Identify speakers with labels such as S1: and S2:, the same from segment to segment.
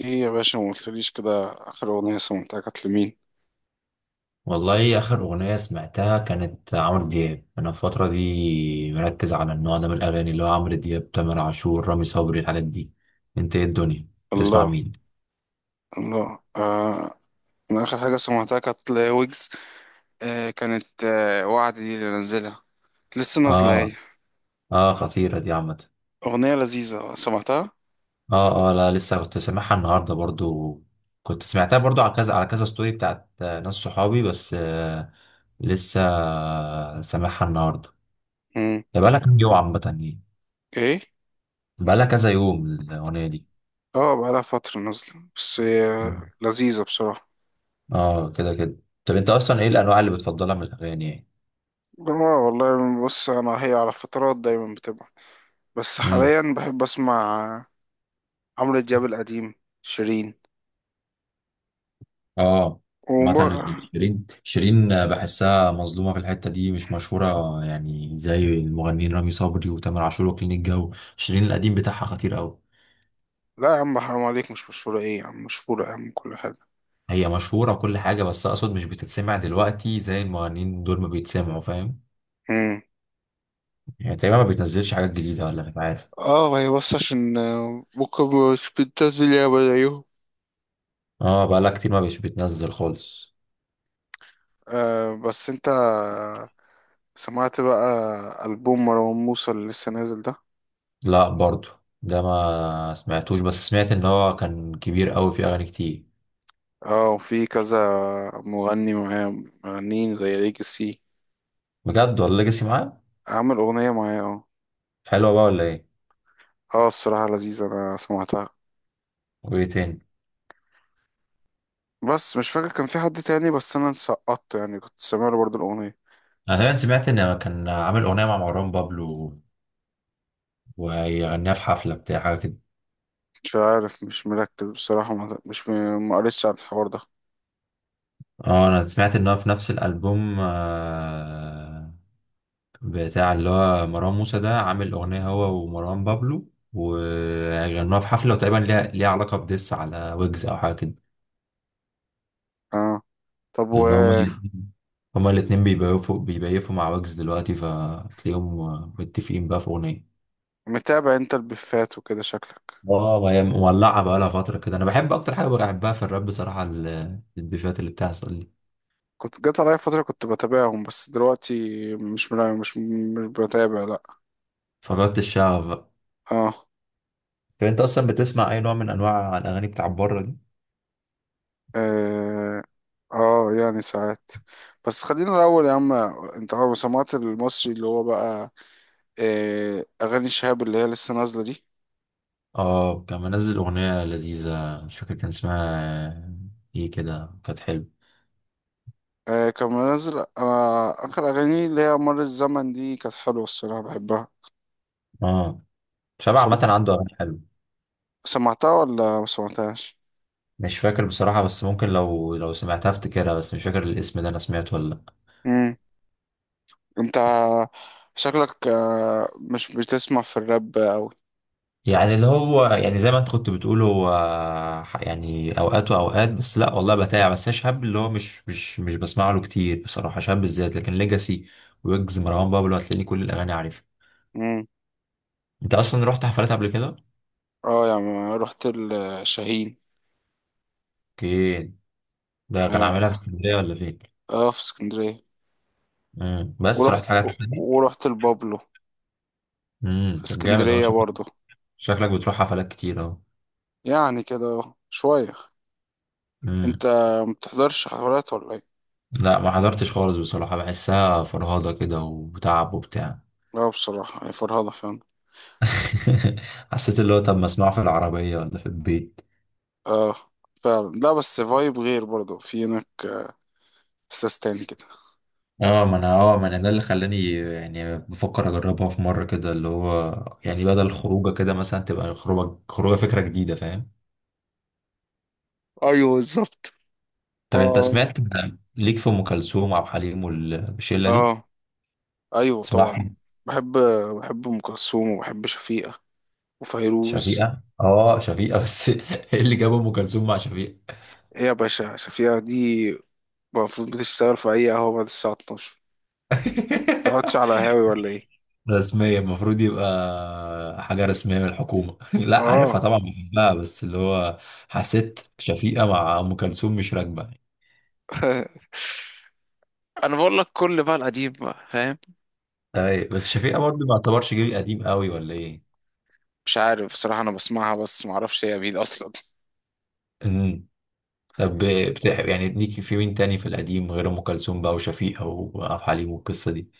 S1: ايه يا باشا ما قلتليش كده. اخر اغنية سمعتها كانت لمين؟
S2: والله آخر أغنية سمعتها كانت عمرو دياب. أنا في الفترة دي مركز على النوع ده من الأغاني، اللي هو عمرو دياب، تامر عاشور، رامي صبري، الحاجات دي. أنت إيه الدنيا تسمع
S1: الله.
S2: مين؟
S1: الله آه. انا اخر حاجة سمعتها كانت لويجز. آه كانت آه وعد دي اللي نزلها. لسه نازلة هي؟
S2: آه آه خطيرة دي عامة.
S1: اغنية لذيذة سمعتها.
S2: آه لا لسه كنت سامعها النهاردة برضو، كنت سمعتها برضو على كذا، على كذا ستوري بتاعت ناس صحابي بس. آه لسه آه، سامعها النهاردة.
S1: مم.
S2: ده بقالها كام يوم عامة يعني،
S1: ايه.
S2: بقالها كذا يوم الأغنية دي.
S1: اه بقالها فترة نازلة بس هي
S2: مم.
S1: لذيذة بصراحة.
S2: آه كده كده. طب أنت أصلا إيه الأنواع اللي بتفضلها من الأغاني يعني؟
S1: اه والله، بص انا هي على فترات دايما بتبقى، بس
S2: امم
S1: حاليا بحب اسمع عمرو دياب القديم، شيرين،
S2: اه مثلا
S1: وب...
S2: فاهم، شيرين. شيرين بحسها مظلومه في الحته دي، مش مشهوره يعني زي المغنيين رامي صبري وتامر عاشور وكلين الجو. شيرين القديم بتاعها خطير قوي.
S1: لا يا عم حرام عليك، مش مشهورة ايه يا عم، مشهورة يا عم كل حاجة.
S2: هي مشهوره وكل حاجه، بس اقصد مش بتتسمع دلوقتي زي المغنيين دول ما بيتسمعوا، فاهم؟ يعني تقريبا ما بتنزلش حاجات جديده، ولا مش عارف.
S1: اه هي بس عشان ممكن مش بتنزل ياما زيهم.
S2: اه بقالها كتير ما بيش بتنزل خالص.
S1: آه بس انت سمعت بقى ألبوم مروان موسى اللي لسه نازل ده؟
S2: لا برضو ده ما سمعتوش، بس سمعت ان هو كان كبير قوي في اغاني كتير.
S1: اه وفي كذا مغني معاه، مغنيين زي ليجاسي،
S2: بجد، ولا ليجاسي معاه؟
S1: عامل أغنية معاه اه.
S2: حلوه بقى ولا ايه؟
S1: اه الصراحة لذيذة أنا سمعتها.
S2: وايه تاني؟
S1: بس مش فاكر كان في حد تاني بس أنا سقطت يعني كنت سامع له برضه الأغنية.
S2: انا تقريبا سمعت ان كان عامل اغنيه مع مروان بابلو ويغنيها في حفله بتاع حاجه كده.
S1: مش عارف، مش مركز بصراحة، ما- مش م- ما قريتش عن الحوار ده.
S2: اه انا سمعت ان هو في نفس الالبوم بتاع اللي هو مروان موسى ده، عامل اغنيه هو ومروان بابلو وغنوها في حفله، وتقريبا ليها علاقه بديس على ويجز او حاجه كده.
S1: اه طب
S2: لان هما الاتنين بيبيفوا مع ويجز دلوقتي، فتلاقيهم متفقين بقى في اغنيه.
S1: ومتابع انت البفات وكده شكلك؟
S2: اه ما هي مولعه بقى لها فتره كده. انا بحب اكتر حاجه بحبها في الراب بصراحه البيفات اللي بتحصل دي.
S1: كنت جات عليا فترة كنت بتابعهم بس دلوقتي مش ملا- مش مش بتابع لا.
S2: فجرة الشعب بقى.
S1: اه.
S2: طب انت اصلا بتسمع اي نوع من انواع الاغاني بتاع بره دي؟
S1: اه يعني ساعات، بس خلينا الأول يا عم، انت عارف سمعت المصري اللي هو بقى آه أغاني شهاب اللي هي لسه نازلة دي؟
S2: اه كان منزل اغنية لذيذة، مش فاكر كان اسمها ايه، كده كانت حلوة.
S1: آه كان منزل، أنا آخر أغاني اللي هي مر الزمن دي كانت حلوة الصراحة بحبها.
S2: اه شبع
S1: سم...
S2: عامة، عنده اغاني حلوة.
S1: سمعتها ولا ما سمعتهاش؟
S2: مش فاكر بصراحة، بس ممكن لو سمعتها افتكرها، بس مش فاكر الاسم ده انا سمعته ولا لا.
S1: مم. انت شكلك مش بتسمع في الراب أوي.
S2: يعني اللي هو يعني زي ما انت كنت بتقول، هو يعني اوقات واوقات، بس لا والله بتاع، بس انا شهاب اللي هو مش بسمع له كتير بصراحة، شهاب بالذات. لكن ليجاسي، ويجز، مروان بابلو هتلاقيني كل الاغاني عارفها. انت اصلا رحت حفلات قبل كده؟
S1: اه يا عم رحت الشاهين.
S2: اوكي، ده كان عاملها في
S1: اه
S2: اسكندريه ولا فين؟
S1: في اسكندرية.
S2: امم. بس رحت
S1: ورحت،
S2: حاجات تانية.
S1: ورحت البابلو في
S2: طب جامد والله.
S1: اسكندرية برضه.
S2: شكلك بتروح حفلات كتير اهو.
S1: يعني كده شوية. انت
S2: امم.
S1: ما بتحضرش حفلات ولا ايه؟
S2: لا ما حضرتش خالص بصراحه، بحسها فرهاده كده وتعب وبتاع.
S1: لا بصراحة هي فرهضة فعلا.
S2: حسيت اللي هو طب ما اسمعه في العربيه ولا في البيت.
S1: اه فعلا، لا بس فايب غير برضه في هناك احساس تاني كده.
S2: اه ما انا، ما انا ده اللي خلاني يعني بفكر اجربها في مره كده، اللي هو يعني بدل الخروجه كده، مثلا تبقى خروجه، فكره جديده فاهم.
S1: ايوه بالظبط.
S2: طب انت
S1: آه.
S2: سمعت ليك في ام كلثوم وعبد الحليم والشله دي؟
S1: اه ايوه طبعا.
S2: اسمعهم.
S1: بحب، بحب ام كلثوم وبحب شفيقة وفيروز.
S2: شفيقه؟ اه شفيقه بس ايه اللي جاب ام كلثوم مع شفيقه؟
S1: ايه يا باشا، شفيقة دي المفروض بتشتغل في اي قهوة بعد الساعة 12، تقعدش على هاوي ولا ايه؟
S2: رسميه، المفروض يبقى حاجه رسميه من الحكومه. لا عارفها
S1: اه
S2: طبعا، بحبها، بس اللي هو حسيت شفيقه مع ام كلثوم مش راكبه.
S1: انا بقول لك كل بقى القديم بقى فاهم.
S2: اي بس شفيقه برضه ما يعتبرش جيل قديم قوي ولا ايه؟
S1: مش عارف بصراحة، انا بسمعها بس ما اعرفش هي مين اصلا.
S2: امم. طب بتحب يعني ليك في مين تاني في القديم غير ام كلثوم بقى وشفيقه وعبد الحليم والقصه دي؟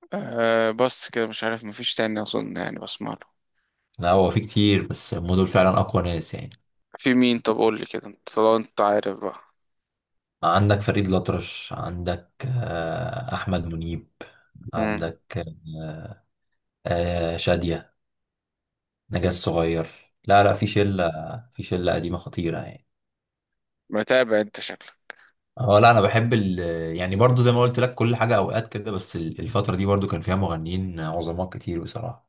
S1: آه بس كده، مش عارف مفيش تاني اظن يعني بسمع له.
S2: لا هو في كتير، بس هم دول فعلا اقوى ناس يعني.
S1: في مين طب قول لي كده انت طالما انت عارف بقى.
S2: عندك فريد الأطرش، عندك احمد منيب،
S1: مم.
S2: عندك، آه، شادية، نجاة الصغير. لا في شلة، في شلة قديمة خطيرة يعني.
S1: متابع انت شكلك.
S2: اه لا انا بحب ال، يعني برضو زي ما قلت لك كل حاجة اوقات كده، بس الفترة دي برضو كان فيها مغنيين عظماء كتير بصراحة.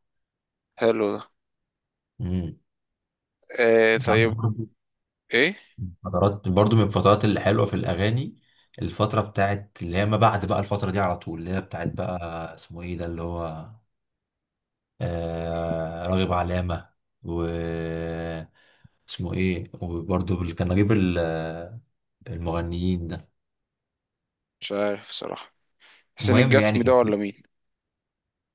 S1: حلو ده.
S2: امم.
S1: آه طيب. ايه
S2: فترات برضو من الفترات الحلوة في الأغاني، الفترة بتاعت اللي هي ما بعد بقى الفترة دي، على طول اللي هي بتاعت بقى اسمه ايه ده اللي هو، آه راغب علامة، و، اسمه ايه، وبرضو اللي كان نجيب المغنيين ده.
S1: مش عارف بصراحة، حسين
S2: المهم يعني
S1: الجسمي ده
S2: كان في،
S1: ولا مين؟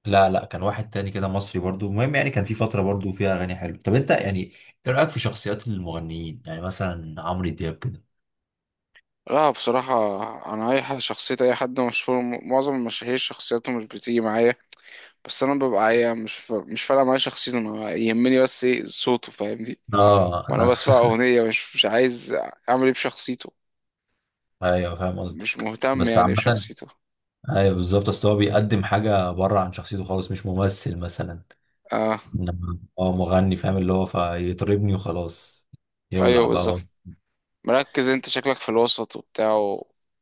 S2: لا لا كان واحد تاني كده مصري برضو. المهم يعني كان في فترة برضو فيها أغاني حلوة. طب أنت يعني إيه رأيك في شخصيات المغنيين يعني مثلا عمرو دياب كده؟
S1: لا بصراحة أنا أي حد، شخصية أي حد مشهور، معظم المشاهير شخصيته مش بتيجي معايا. بس انا ببقى عايز، مش فارقه معايا شخصيته، انا يهمني بس ايه صوته فاهمني.
S2: اه
S1: وانا بسمع اغنيه مش عايز اعمل ايه بشخصيته،
S2: انا ايوه فاهم
S1: مش
S2: قصدك،
S1: مهتم
S2: بس
S1: يعني
S2: عامة،
S1: بشخصيته.
S2: ايوه بالظبط. اصل هو بيقدم حاجه بره عن شخصيته خالص، مش ممثل مثلا،
S1: اه
S2: انما هو مغني فاهم، اللي هو فيطربني وخلاص، يولع
S1: ايوه
S2: بقى هو.
S1: بالظبط. مركز انت شكلك في الوسط وبتاع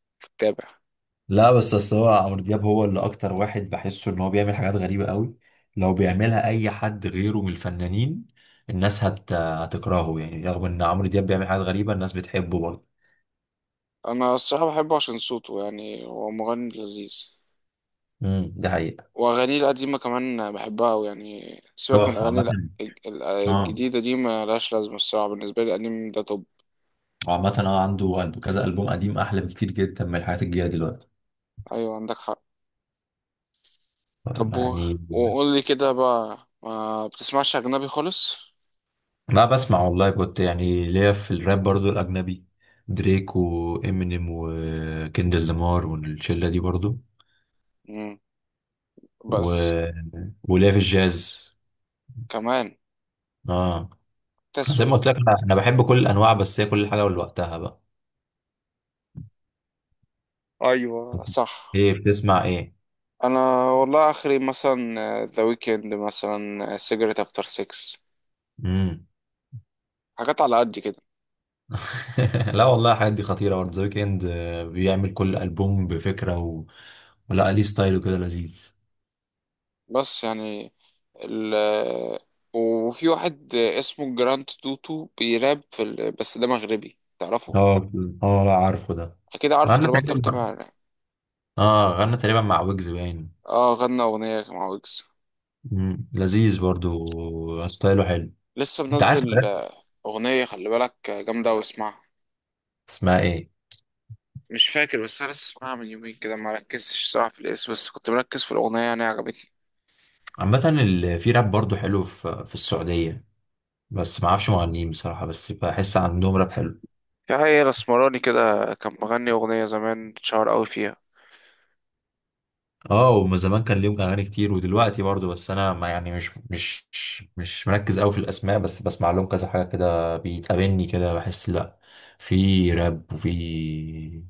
S1: وبتتابع.
S2: لا بس اصل هو عمرو دياب هو اللي اكتر واحد بحسه ان هو بيعمل حاجات غريبه قوي، لو بيعملها اي حد غيره من الفنانين الناس هتكرهه يعني، رغم ان عمرو دياب بيعمل حاجات غريبه الناس بتحبه برضه.
S1: انا الصراحه بحبه عشان صوته، يعني هو مغني لذيذ.
S2: دي حقيقه.
S1: واغانيه القديمه كمان بحبها أوي، يعني سيبك من
S2: تحفه عامه.
S1: اغاني
S2: اه
S1: الجديده دي ملهاش لازمه الصراحه بالنسبه لي، القديم ده طب.
S2: وعامة اه عنده كذا ألبوم قديم أحلى بكتير جدا من الحاجات الجاية دلوقتي
S1: ايوه عندك حق. طب و...
S2: يعني.
S1: وقول لي كده بقى ما بتسمعش أجنبي خالص؟
S2: لا بسمع والله، كنت يعني ليا في الراب برضو الأجنبي، دريك وإمينيم وكندل لامار والشلة دي برضو،
S1: مم.
S2: و،
S1: بس
S2: وليا في الجاز.
S1: كمان
S2: اه أنا زي ما
S1: تسوى.
S2: قلت لك، أنا بحب كل الأنواع، بس هي كل حاجة ولوقتها بقى.
S1: أيوة صح.
S2: إيه بتسمع إيه؟
S1: أنا والله آخري مثلا ذا ويكند، مثلا سيجرت أفتر سيكس،
S2: مم.
S1: حاجات على قد كده.
S2: لا والله الحاجات دي خطيرة برضه. ذا ويكند بيعمل كل ألبوم بفكرة و، ولا ليه ستايل وكده لذيذ.
S1: بس يعني ال... وفي واحد اسمه جراند توتو بيراب في بس ده مغربي، تعرفه؟
S2: اه. اه لا عارفه ده،
S1: أكيد عارفه
S2: غنى
S1: طالما أنت
S2: تقريبا
S1: متابع
S2: مع،
S1: يعني.
S2: اه غنى تقريبا مع ويجز باين.
S1: اه غنى أغنية مع ويجز.
S2: مم. لذيذ برضو ستايله حلو.
S1: لسه
S2: انت عارف
S1: منزل
S2: الراب.
S1: أغنية، خلي بالك جامدة واسمعها.
S2: اسمها ايه؟
S1: مش فاكر، بس انا لسه اسمعها من يومين كده، ما ركزتش صراحه في الاسم بس كنت مركز في الاغنيه يعني عجبتني.
S2: عامة في راب برضو حلو في السعودية، بس ما اعرفش مغنيين بصراحة، بس بحس عندهم راب حلو.
S1: في حقيقة الاسمراني كده كان مغني اغنيه زمان اتشهر قوي فيها.
S2: اه ومن زمان كان ليهم اغاني كتير ودلوقتي برضو، بس انا ما يعني مش مركز قوي في الاسماء، بس بسمع لهم كذا حاجة كده بيتقابلني كده، بحس لا في راب وفي،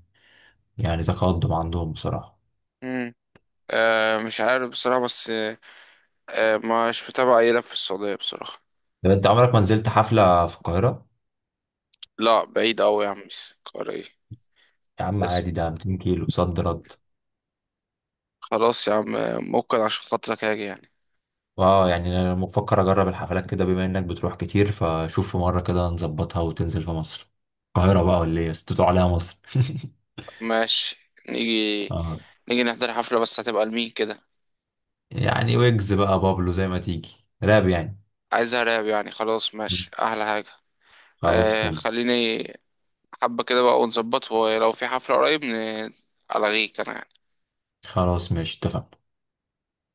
S2: يعني تقدم عندهم بصراحة.
S1: امم آه مش عارف بصراحه، بس آه، مش متابع اي لف في السعوديه بصراحه.
S2: طب انت عمرك ما نزلت حفلة في القاهرة؟
S1: لا بعيد قوي يا عم، قاري.
S2: يا عم
S1: بس
S2: عادي، ده 200 كيلو صد رد.
S1: خلاص يا عم ممكن عشان خاطرك هاجي يعني.
S2: اه يعني انا بفكر اجرب الحفلات كده، بما انك بتروح كتير، فشوف في مره كده نظبطها وتنزل في مصر، القاهره بقى ولا ايه؟ بس تدعو عليها مصر.
S1: ماشي نيجي،
S2: اه
S1: نيجي نحضر حفله بس هتبقى لمين كده؟
S2: يعني ويجز بقى، بابلو، زي ما تيجي راب يعني.
S1: عايزها راب يعني؟ خلاص ماشي احلى حاجه.
S2: خلاص
S1: آه
S2: فل.
S1: خليني حبة كده بقى ونظبط، ولو في حفلة قريب ألغيك أنا.
S2: خلاص ماشي اتفقنا.